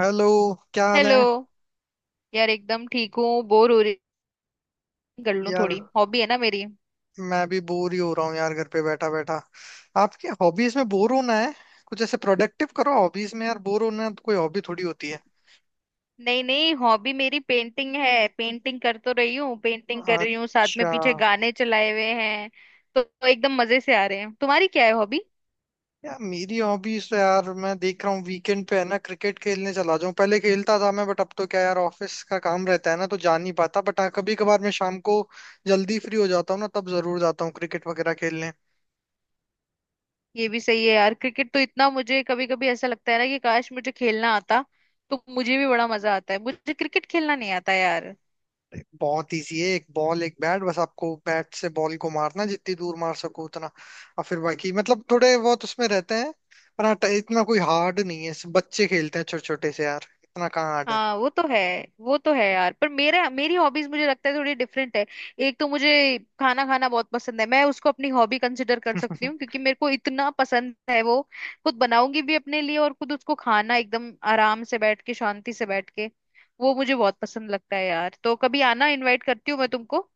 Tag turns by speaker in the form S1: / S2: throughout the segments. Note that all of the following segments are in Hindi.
S1: हेलो। क्या हाल है?
S2: हेलो। यार, एकदम ठीक हूँ, बोर हो रही, कर लूँ
S1: यार
S2: थोड़ी, हॉबी है ना मेरी।
S1: मैं भी बोर ही हो रहा हूँ यार, घर पे बैठा बैठा। आपके हॉबीज में बोर होना है? कुछ ऐसे प्रोडक्टिव करो हॉबीज में, यार बोर होना तो कोई हॉबी थोड़ी होती है।
S2: नहीं नहीं, हॉबी मेरी पेंटिंग है, पेंटिंग कर तो रही हूँ, पेंटिंग कर रही हूँ, साथ में
S1: अच्छा।
S2: पीछे गाने चलाए हुए हैं, तो एकदम मजे से आ रहे हैं। तुम्हारी क्या है हॉबी?
S1: यार मेरी हॉबीज तो, यार मैं देख रहा हूँ वीकेंड पे है ना क्रिकेट खेलने चला जाऊँ, पहले खेलता था मैं बट अब तो क्या यार ऑफिस का काम रहता है ना तो जा नहीं पाता, बट हाँ कभी कभार मैं शाम को जल्दी फ्री हो जाता हूँ ना तब जरूर जाता हूँ क्रिकेट वगैरह खेलने।
S2: ये भी सही है यार, क्रिकेट तो इतना मुझे कभी कभी ऐसा लगता है ना कि काश मुझे खेलना आता तो मुझे भी बड़ा मजा आता है। मुझे क्रिकेट खेलना नहीं आता यार।
S1: बहुत इजी है, एक बॉल एक बैट, बस आपको बैट से बॉल को मारना जितनी दूर मार सको उतना, और फिर बाकी मतलब थोड़े बहुत उसमें रहते हैं। पर हाँ, इतना कोई हार्ड नहीं है, सब बच्चे खेलते हैं छोटे छोटे से यार, इतना कहाँ हार्ड है।
S2: हाँ, वो तो है। वो तो है यार, पर मेरा मेरी हॉबीज मुझे लगता है थोड़ी डिफरेंट है। एक तो मुझे खाना खाना बहुत पसंद है, मैं उसको अपनी हॉबी कंसिडर कर सकती हूँ क्योंकि मेरे को इतना पसंद है वो। खुद बनाऊंगी भी अपने लिए और खुद उसको खाना, एकदम आराम से बैठ के, शांति से बैठ के, वो मुझे बहुत पसंद लगता है यार। तो कभी आना, इनवाइट करती हूँ मैं तुमको।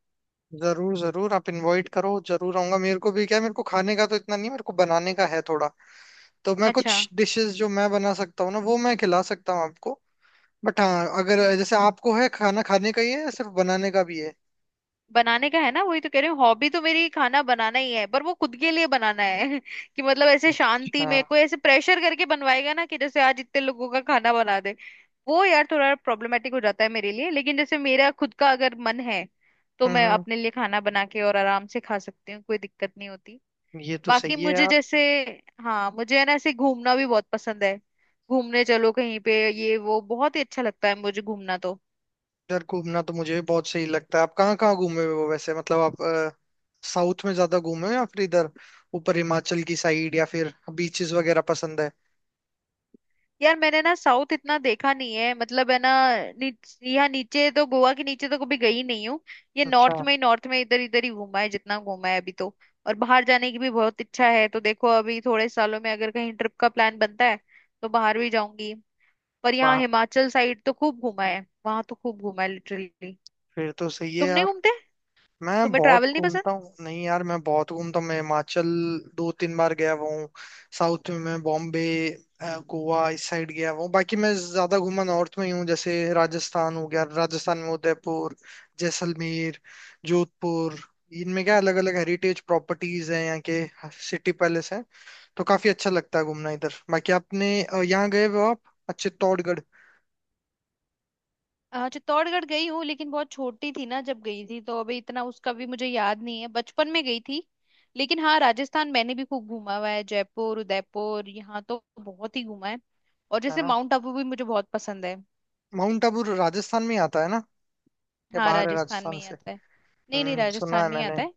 S1: जरूर जरूर, आप इनवाइट करो जरूर आऊंगा। मेरे को भी क्या है, मेरे को खाने का तो इतना नहीं, मेरे को बनाने का है थोड़ा। तो मैं
S2: अच्छा।
S1: कुछ डिशेस जो मैं बना सकता हूँ ना वो मैं खिला सकता हूँ आपको। बट हाँ, अगर
S2: हम्म।
S1: जैसे आपको है खाना खाने का ही है या सिर्फ बनाने का भी है?
S2: बनाने का है ना, वही तो कह रही हूँ, हॉबी तो मेरी खाना बनाना ही है, पर वो खुद के लिए बनाना है कि मतलब ऐसे शांति
S1: अच्छा।
S2: में, कोई ऐसे प्रेशर करके बनवाएगा ना कि जैसे आज इतने लोगों का खाना बना दे, वो यार थोड़ा प्रॉब्लमेटिक हो जाता है मेरे लिए। लेकिन जैसे मेरा खुद का अगर मन है तो
S1: हम्म
S2: मैं
S1: हम्म,
S2: अपने लिए खाना बना के और आराम से खा सकती हूँ, कोई दिक्कत नहीं होती।
S1: ये तो
S2: बाकी
S1: सही है
S2: मुझे
S1: यार।
S2: जैसे, हाँ, मुझे है ना ऐसे घूमना भी बहुत पसंद है, घूमने चलो कहीं पे, ये वो बहुत ही अच्छा लगता है मुझे घूमना तो।
S1: इधर घूमना तो मुझे भी बहुत सही लगता है। आप कहाँ कहाँ घूमे हुए हो वैसे, मतलब आप साउथ में ज्यादा घूमे हो या फिर इधर ऊपर हिमाचल की साइड, या फिर बीचेस वगैरह पसंद है?
S2: यार मैंने ना साउथ इतना देखा नहीं है, मतलब है ना, यहाँ नीचे तो, गोवा के नीचे तो कभी गई नहीं हूँ। ये
S1: अच्छा।
S2: नॉर्थ में ही नॉर्थ में इधर इधर ही घूमा है जितना घूमा है अभी तो। और बाहर जाने की भी बहुत इच्छा है, तो देखो अभी थोड़े सालों में अगर कहीं ट्रिप का प्लान बनता है तो बाहर भी जाऊंगी। पर यहाँ
S1: वाह,
S2: हिमाचल साइड तो खूब घूमा है, वहां तो खूब घूमा है लिटरली।
S1: फिर तो सही है
S2: तुम नहीं
S1: यार।
S2: घूमते?
S1: मैं
S2: तुम्हें
S1: बहुत
S2: ट्रैवल नहीं पसंद?
S1: घूमता हूँ, नहीं यार मैं बहुत घूमता हूँ। मैं हिमाचल 2-3 बार गया हुआ हूँ। साउथ में मैं बॉम्बे, गोवा इस साइड गया हुआ हूँ, बाकी मैं ज्यादा घूमा नॉर्थ में ही हूँ। जैसे राजस्थान हो गया, राजस्थान में उदयपुर, जैसलमेर, जोधपुर, इनमें क्या अलग अलग हेरिटेज प्रॉपर्टीज हैं यहाँ के, सिटी पैलेस हैं, तो काफी अच्छा लगता है घूमना इधर। बाकी आपने यहाँ गए हो आप, अच्छे, चित्तौड़गढ़?
S2: चित्तौड़गढ़ गई हूँ लेकिन बहुत छोटी थी ना जब गई थी, तो अभी इतना उसका भी मुझे याद नहीं है, बचपन में गई थी। लेकिन हाँ, राजस्थान मैंने भी खूब घूमा हुआ है, जयपुर, उदयपुर, यहाँ तो बहुत ही घूमा है। और
S1: है
S2: जैसे
S1: ना।
S2: माउंट आबू भी मुझे बहुत पसंद है।
S1: माउंट आबू राजस्थान में ही आता है ना, या
S2: हाँ,
S1: बाहर है
S2: राजस्थान में
S1: राजस्थान
S2: ही
S1: से?
S2: आता है। नहीं नहीं,
S1: हम्म, सुना
S2: राजस्थान
S1: है
S2: में ही
S1: मैंने।
S2: आता है।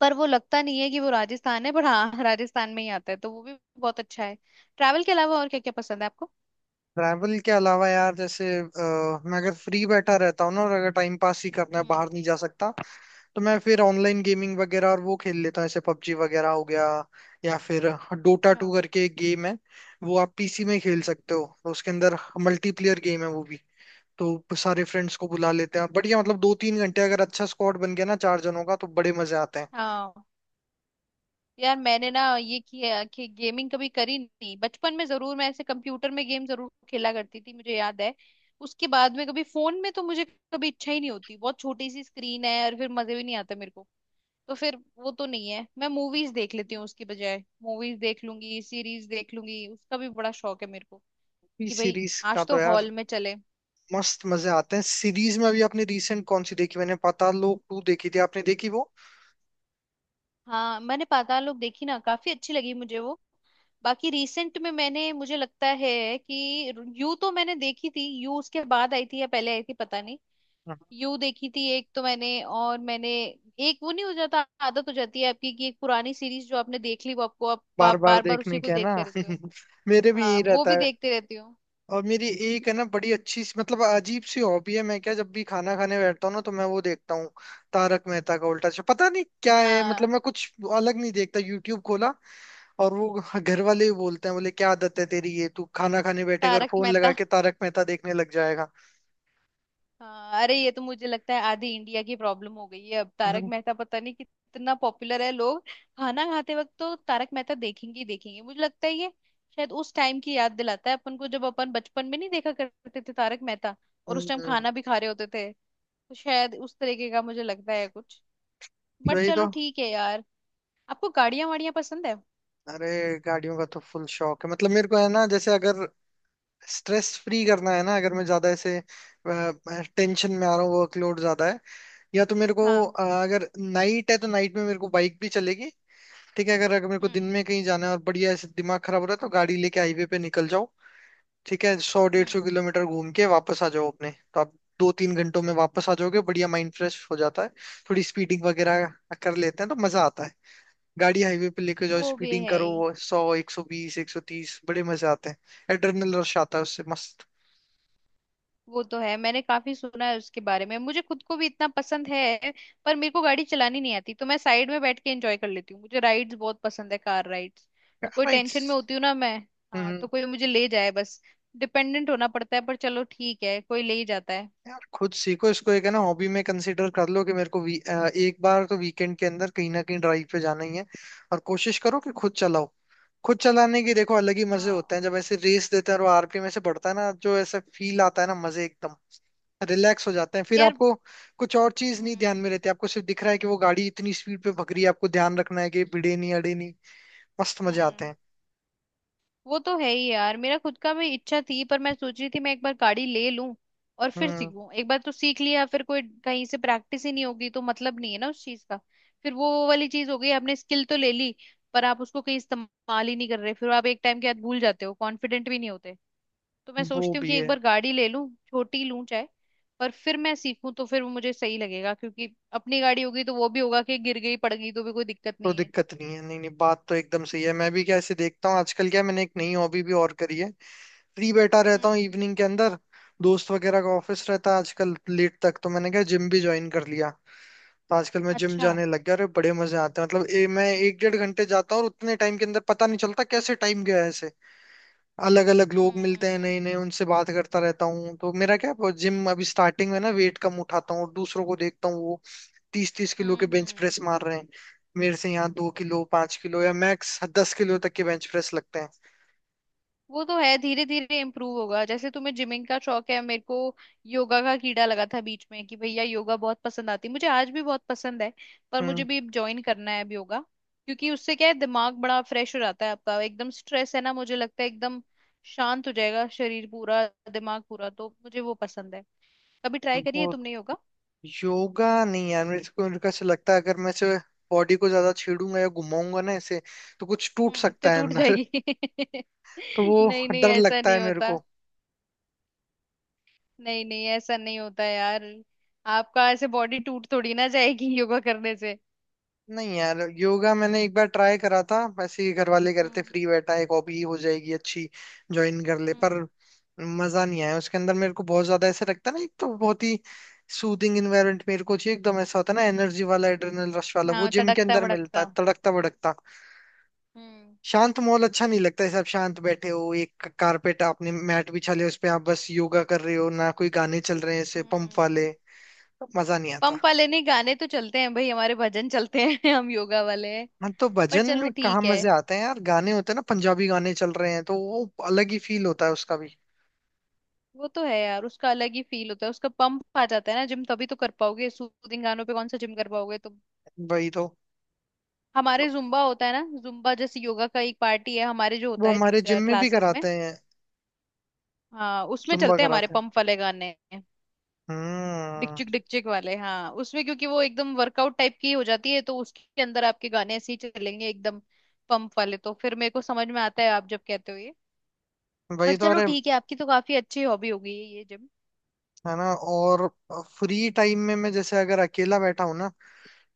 S2: पर वो लगता नहीं है कि वो राजस्थान है, पर हाँ राजस्थान में ही आता है, तो वो भी बहुत अच्छा है। ट्रैवल के अलावा और क्या क्या पसंद है आपको?
S1: ट्रैवल के अलावा यार जैसे, मैं अगर फ्री बैठा रहता हूँ ना और अगर टाइम पास ही करना है,
S2: हम्म।
S1: बाहर नहीं जा सकता, तो मैं फिर ऑनलाइन गेमिंग वगैरह और वो खेल लेता हूँ, जैसे पबजी वगैरह हो गया, या फिर डोटा
S2: अच्छा।
S1: टू करके एक गेम है, वो आप पीसी में खेल
S2: हम्म।
S1: सकते हो, तो उसके अंदर मल्टीप्लेयर गेम है वो भी, तो सारे फ्रेंड्स को बुला लेते हैं। बढ़िया, मतलब 2-3 घंटे अगर अच्छा स्क्वाड बन गया ना चार जनों का, तो बड़े मजे आते हैं।
S2: हाँ। यार मैंने ना ये किया कि गेमिंग कभी करी नहीं, बचपन में जरूर मैं ऐसे कंप्यूटर में गेम जरूर खेला करती थी, मुझे याद है। उसके बाद में कभी फोन में तो मुझे कभी इच्छा ही नहीं होती, बहुत छोटी सी स्क्रीन है और फिर मजे भी नहीं आते मेरे को। तो फिर वो तो नहीं है, मैं मूवीज देख लेती हूँ उसकी बजाय। मूवीज देख लूंगी, सीरीज देख लूंगी, उसका भी बड़ा शौक है मेरे को
S1: पी
S2: कि भाई
S1: सीरीज का
S2: आज तो
S1: तो यार
S2: हॉल में चले।
S1: मस्त मजे आते हैं सीरीज में। अभी आपने रिसेंट कौन सी देखी? मैंने पाताल लोक टू देखी थी, आपने देखी वो?
S2: हाँ, मैंने पाताल लोक देखी ना, काफी अच्छी लगी मुझे वो। बाकी रिसेंट में मैंने, मुझे लगता है कि, यू तो मैंने देखी थी, यू उसके बाद आई थी या पहले आई थी पता नहीं। यू देखी थी एक तो मैंने, और मैंने, एक वो नहीं हो जाता आदत हो जाती है आपकी कि एक पुरानी सीरीज जो आपने देख ली वो आपको, आप,
S1: बार
S2: आप
S1: बार
S2: बार बार उसी
S1: देखने
S2: को
S1: के, है ना।
S2: देखते रहते हो।
S1: मेरे भी
S2: हाँ,
S1: यही
S2: वो
S1: रहता
S2: भी
S1: है।
S2: देखते रहती हूँ।
S1: और मेरी एक है ना बड़ी अच्छी सी, मतलब अजीब सी हॉबी है, मैं क्या जब भी खाना खाने बैठता हूँ ना तो मैं वो देखता हूँ, तारक मेहता का उल्टा चश्मा। पता नहीं क्या है, मतलब
S2: हाँ,
S1: मैं कुछ अलग नहीं देखता, यूट्यूब खोला और वो, घर वाले ही बोलते हैं, बोले क्या आदत है तेरी ये, तू खाना खाने बैठेगा और
S2: तारक
S1: फोन लगा
S2: मेहता।
S1: के तारक मेहता देखने लग जाएगा।
S2: हाँ अरे ये तो मुझे लगता है आधी इंडिया की प्रॉब्लम हो गई है अब, तारक
S1: हम्म,
S2: मेहता पता नहीं कितना पॉपुलर है लोग खाना खाते वक्त तो तारक मेहता देखेंगे ही देखेंगे, मुझे लगता है ये शायद उस टाइम की याद दिलाता है अपन को, जब अपन बचपन में नहीं देखा करते थे तारक मेहता और
S1: हम्म,
S2: उस टाइम
S1: हम्म।
S2: खाना भी खा रहे होते थे। तो शायद उस तरीके का मुझे लगता है कुछ, बट
S1: वही तो।
S2: चलो ठीक है यार। आपको गाड़ियां वाड़ियां पसंद है?
S1: अरे गाड़ियों का तो फुल शौक है, मतलब मेरे को है ना। जैसे अगर स्ट्रेस फ्री करना है ना, अगर मैं ज्यादा ऐसे टेंशन में आ रहा हूँ, वर्कलोड ज्यादा है, या तो मेरे को
S2: हाँ।
S1: अगर नाइट है तो नाइट में मेरे को बाइक भी चलेगी ठीक है, अगर अगर मेरे को दिन
S2: हम्म।
S1: में कहीं जाना है और बढ़िया ऐसे दिमाग खराब हो रहा है, तो गाड़ी लेके हाईवे पे निकल जाओ ठीक है, सौ डेढ़
S2: हम्म।
S1: सौ किलोमीटर घूम के वापस आ जाओ अपने। तो आप 2-3 घंटों में वापस आ जाओगे, बढ़िया माइंड फ्रेश हो जाता है। थोड़ी स्पीडिंग वगैरह कर लेते हैं तो मजा आता है, गाड़ी हाईवे पे लेके जाओ,
S2: वो भी
S1: स्पीडिंग
S2: है ही।
S1: करो, 100, 120, 130, बड़े मजे आते हैं, एड्रेनल रश आता है उससे, मस्त।
S2: वो तो है, मैंने काफी सुना है उसके बारे में, मुझे खुद को भी इतना पसंद है पर मेरे को गाड़ी चलानी नहीं आती, तो मैं साइड में बैठ के एंजॉय कर लेती हूँ, मुझे राइड्स बहुत पसंद है, कार राइड्स। तो कोई
S1: यार इट्स,
S2: टेंशन में होती हूँ ना मैं, हाँ
S1: हम्म।
S2: तो कोई मुझे ले जाए बस। डिपेंडेंट होना पड़ता है, पर चलो ठीक है, कोई ले ही जाता है।
S1: यार खुद सीखो इसको, एक है ना हॉबी में कंसीडर कर लो कि मेरे को एक बार तो वीकेंड के अंदर कहीं ना कहीं ड्राइव पे जाना ही है, और कोशिश करो कि खुद चलाओ। खुद चलाने के देखो अलग ही मजे होते
S2: हाँ
S1: हैं, जब ऐसे रेस देते हैं और वो आरपीएम ऐसे बढ़ता है ना, जो ऐसा फील आता है ना मजे एकदम, रिलैक्स हो जाते हैं फिर
S2: यार।
S1: आपको। कुछ और चीज नहीं ध्यान
S2: हम्म।
S1: में रहती आपको, सिर्फ दिख रहा है कि वो गाड़ी इतनी स्पीड पे भग रही है, आपको ध्यान रखना है कि भिड़े नहीं अड़े नहीं, मस्त मजे आते
S2: हम्म।
S1: हैं।
S2: वो तो है ही यार, मेरा खुद का भी इच्छा थी, पर मैं सोच रही थी मैं एक बार गाड़ी ले लूं और फिर
S1: हम्म,
S2: सीखूं, एक बार तो सीख लिया फिर कोई कहीं से प्रैक्टिस ही नहीं होगी तो मतलब नहीं है ना उस चीज का। फिर वो वाली चीज हो गई, आपने स्किल तो ले ली पर आप उसको कहीं इस्तेमाल ही नहीं कर रहे, फिर आप एक टाइम के बाद भूल जाते हो, कॉन्फिडेंट भी नहीं होते। तो मैं
S1: वो
S2: सोचती हूँ
S1: भी
S2: कि एक
S1: है।
S2: बार गाड़ी ले लूं, छोटी लूं चाहे, पर फिर मैं सीखूं तो फिर वो मुझे सही लगेगा, क्योंकि अपनी गाड़ी होगी तो वो भी होगा कि गिर गई पड़ गई तो भी कोई दिक्कत
S1: कोई
S2: नहीं है।
S1: दिक्कत नहीं है, नहीं नहीं बात तो एकदम सही है। मैं भी क्या ऐसे देखता हूँ आजकल, क्या मैंने एक नई हॉबी भी और करी है। फ्री बैठा रहता हूँ
S2: हम्म।
S1: इवनिंग के अंदर, दोस्त वगैरह का ऑफिस रहता है आजकल लेट तक, तो मैंने क्या जिम भी ज्वाइन कर लिया, तो आजकल मैं जिम
S2: अच्छा।
S1: जाने लग गया और बड़े मजे आते हैं। मतलब मैं 1-1.5 घंटे जाता हूँ और उतने टाइम के अंदर पता नहीं चलता कैसे टाइम गया है ऐसे। अलग अलग लोग मिलते हैं
S2: हम्म।
S1: नए नए, उनसे बात करता रहता हूँ। तो मेरा क्या जिम अभी स्टार्टिंग में ना वेट कम उठाता हूँ और दूसरों को देखता हूँ, वो तीस तीस किलो के
S2: हम्म।
S1: बेंच
S2: हम्म।
S1: प्रेस मार रहे हैं, मेरे से यहाँ 2 किलो 5 किलो या मैक्स 10 किलो तक के बेंच प्रेस लगते हैं।
S2: वो तो है, धीरे धीरे इम्प्रूव होगा। जैसे तुम्हें जिमिंग का शौक है, मेरे को योगा का कीड़ा लगा था बीच में, कि भैया योगा बहुत पसंद आती मुझे, आज भी बहुत पसंद है। पर मुझे
S1: हम्म,
S2: भी ज्वाइन करना है अब योगा, क्योंकि उससे क्या है दिमाग बड़ा फ्रेश हो जाता है आपका, एकदम स्ट्रेस है ना मुझे लगता है एकदम शांत हो जाएगा, शरीर पूरा, दिमाग पूरा, तो मुझे वो पसंद है। कभी ट्राई करिए
S1: वो
S2: तुमने योगा।
S1: योगा नहीं यार। मेरे को, ऐसा लगता है अगर मैं इसे बॉडी को ज्यादा छेड़ूंगा या घुमाऊंगा ना इसे, तो कुछ टूट
S2: हम्म, तो
S1: सकता है
S2: टूट
S1: अंदर।
S2: जाएगी
S1: तो वो
S2: नहीं नहीं,
S1: डर
S2: ऐसा
S1: लगता है
S2: नहीं
S1: मेरे
S2: होता।
S1: को।
S2: नहीं नहीं, ऐसा नहीं होता यार, आपका ऐसे बॉडी टूट थोड़ी ना जाएगी योगा करने से।
S1: नहीं यार योगा मैंने एक बार ट्राई करा था, ऐसे ही घर वाले करते,
S2: हम्म।
S1: फ्री बैठा है, एक हॉबी हो जाएगी अच्छी, ज्वाइन कर ले, पर
S2: हम्म।
S1: मजा नहीं आया उसके अंदर। मेरे को बहुत ज्यादा ऐसे लगता है ना, एक तो बहुत ही सूदिंग इन्वायरमेंट मेरे को चाहिए एकदम, ऐसा होता है ना एनर्जी वाला, एड्रेनल रश वाला, वो
S2: हाँ,
S1: जिम के
S2: तड़कता
S1: अंदर मिलता
S2: भड़कता।
S1: है, तड़कता भड़कता।
S2: हम्म।
S1: शांत माहौल अच्छा नहीं लगता, ऐसे आप शांत बैठे हो, एक कारपेट आपने मैट बिछा लिया उस पे, आप बस योगा कर रहे हो ना, कोई गाने चल रहे हैं ऐसे पंप वाले,
S2: हम्म।
S1: मजा नहीं आता।
S2: पंप वाले नहीं, गाने तो चलते हैं भाई हमारे, भजन चलते हैं हम योगा वाले हैं।
S1: हाँ तो
S2: पर
S1: भजन
S2: चलो
S1: में कहाँ
S2: ठीक है।
S1: मजे आते हैं यार, गाने होते हैं ना पंजाबी, गाने चल रहे हैं तो वो अलग ही फील होता है उसका भी।
S2: वो तो है यार, उसका अलग ही फील होता है, उसका पंप आ जाता है ना, जिम तभी तो कर पाओगे, सूदिंग गानों पे कौन सा जिम कर पाओगे तुम।
S1: वही तो
S2: हमारे जुम्बा होता है ना, जुम्बा जैसे योगा का एक पार्टी है हमारे जो
S1: वो
S2: होता
S1: हमारे जिम
S2: है
S1: में भी
S2: क्लासेस में।
S1: कराते हैं,
S2: हाँ, उसमें
S1: जुम्बा
S2: चलते हैं हमारे
S1: कराते हैं।
S2: पंप वाले गाने,
S1: हम्म,
S2: डिकचिक डिकचिक वाले। हाँ उसमें क्योंकि वो एकदम वर्कआउट टाइप की हो जाती है, तो उसके अंदर आपके गाने ऐसे ही चलेंगे एकदम पंप वाले, तो फिर मेरे को समझ में आता है आप जब कहते हो ये।
S1: वही
S2: पर
S1: तो।
S2: चलो
S1: अरे
S2: ठीक है, आपकी तो काफी अच्छी हॉबी हो गई है ये जिम।
S1: है ना। और फ्री टाइम में मैं, जैसे अगर अकेला बैठा हूं ना,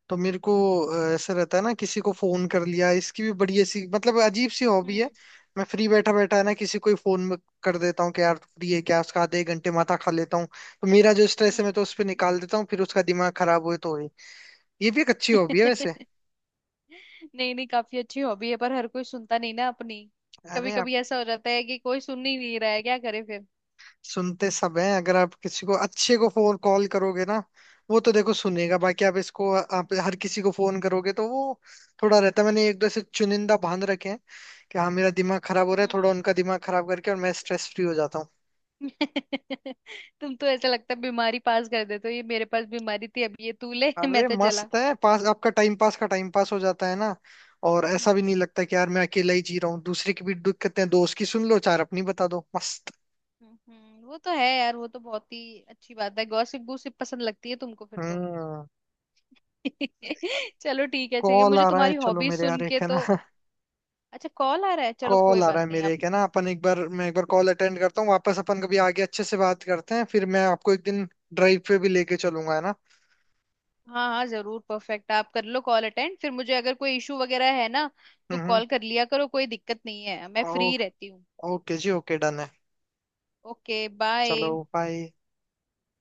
S1: तो मेरे को ऐसा रहता है ना किसी को फोन कर लिया, इसकी भी बड़ी ऐसी मतलब अजीब सी हॉबी
S2: हम्म।
S1: है। मैं फ्री बैठा बैठा है ना किसी को ही फोन कर देता हूँ कि यार तू फ्री है क्या, उसका आधे एक घंटे माथा खा लेता हूँ, तो मेरा जो स्ट्रेस है
S2: हम्म।
S1: मैं तो उस पर निकाल देता हूँ, फिर उसका दिमाग खराब हुए तो हुए। ये भी एक अच्छी हॉबी है वैसे।
S2: नहीं नहीं, काफी अच्छी हॉबी है, पर हर कोई सुनता नहीं ना अपनी, कभी
S1: अरे
S2: कभी ऐसा हो जाता है कि कोई सुन ही नहीं रहा है, क्या करे फिर।
S1: सुनते सब हैं, अगर आप किसी को अच्छे को फोन कॉल करोगे ना वो तो देखो सुनेगा। बाकी आप इसको, आप हर किसी को फोन करोगे तो वो थोड़ा रहता है, मैंने एक दो से चुनिंदा बांध रखे हैं कि हाँ मेरा दिमाग खराब हो रहा है, थोड़ा
S2: हम्म।
S1: उनका दिमाग खराब करके और मैं स्ट्रेस फ्री हो जाता हूँ।
S2: तुम तो ऐसा लगता है बीमारी पास कर देते हो, ये मेरे पास बीमारी थी अब ये तू ले मैं
S1: अरे
S2: तो चला।
S1: मस्त है पास आपका, टाइम पास का टाइम पास हो जाता है ना। और ऐसा भी
S2: हम्म।
S1: नहीं लगता कि यार मैं अकेला ही जी रहा हूँ, दूसरे की भी दिक्कतें हैं, दोस्त की सुन लो, चार अपनी बता दो, मस्त।
S2: हम्म। वो तो है यार, वो तो बहुत ही अच्छी बात है, गॉसिप गॉसिप पसंद लगती है तुमको फिर तो
S1: हम्म।
S2: चलो ठीक है, चाहिए
S1: कॉल
S2: मुझे
S1: आ रहा है
S2: तुम्हारी
S1: चलो
S2: हॉबी
S1: मेरे,
S2: सुन
S1: यार
S2: के
S1: एक है
S2: तो।
S1: ना।
S2: अच्छा, कॉल आ रहा है, चलो
S1: कॉल
S2: कोई
S1: आ रहा
S2: बात
S1: है
S2: नहीं
S1: मेरे,
S2: आप।
S1: एक है ना अपन, एक बार, मैं एक बार कॉल अटेंड करता हूँ वापस, अपन कभी आगे अच्छे से बात करते हैं, फिर मैं आपको एक दिन ड्राइव पे भी लेके चलूंगा है ना।
S2: हाँ हाँ जरूर, परफेक्ट, आप कर लो कॉल अटेंड, फिर मुझे अगर कोई इशू वगैरह है ना तो
S1: हम्म।
S2: कॉल कर लिया करो, कोई दिक्कत नहीं है, मैं
S1: ओ,
S2: फ्री रहती हूँ।
S1: ओके जी, ओके, डन है।
S2: ओके
S1: चलो
S2: बाय।
S1: बाय।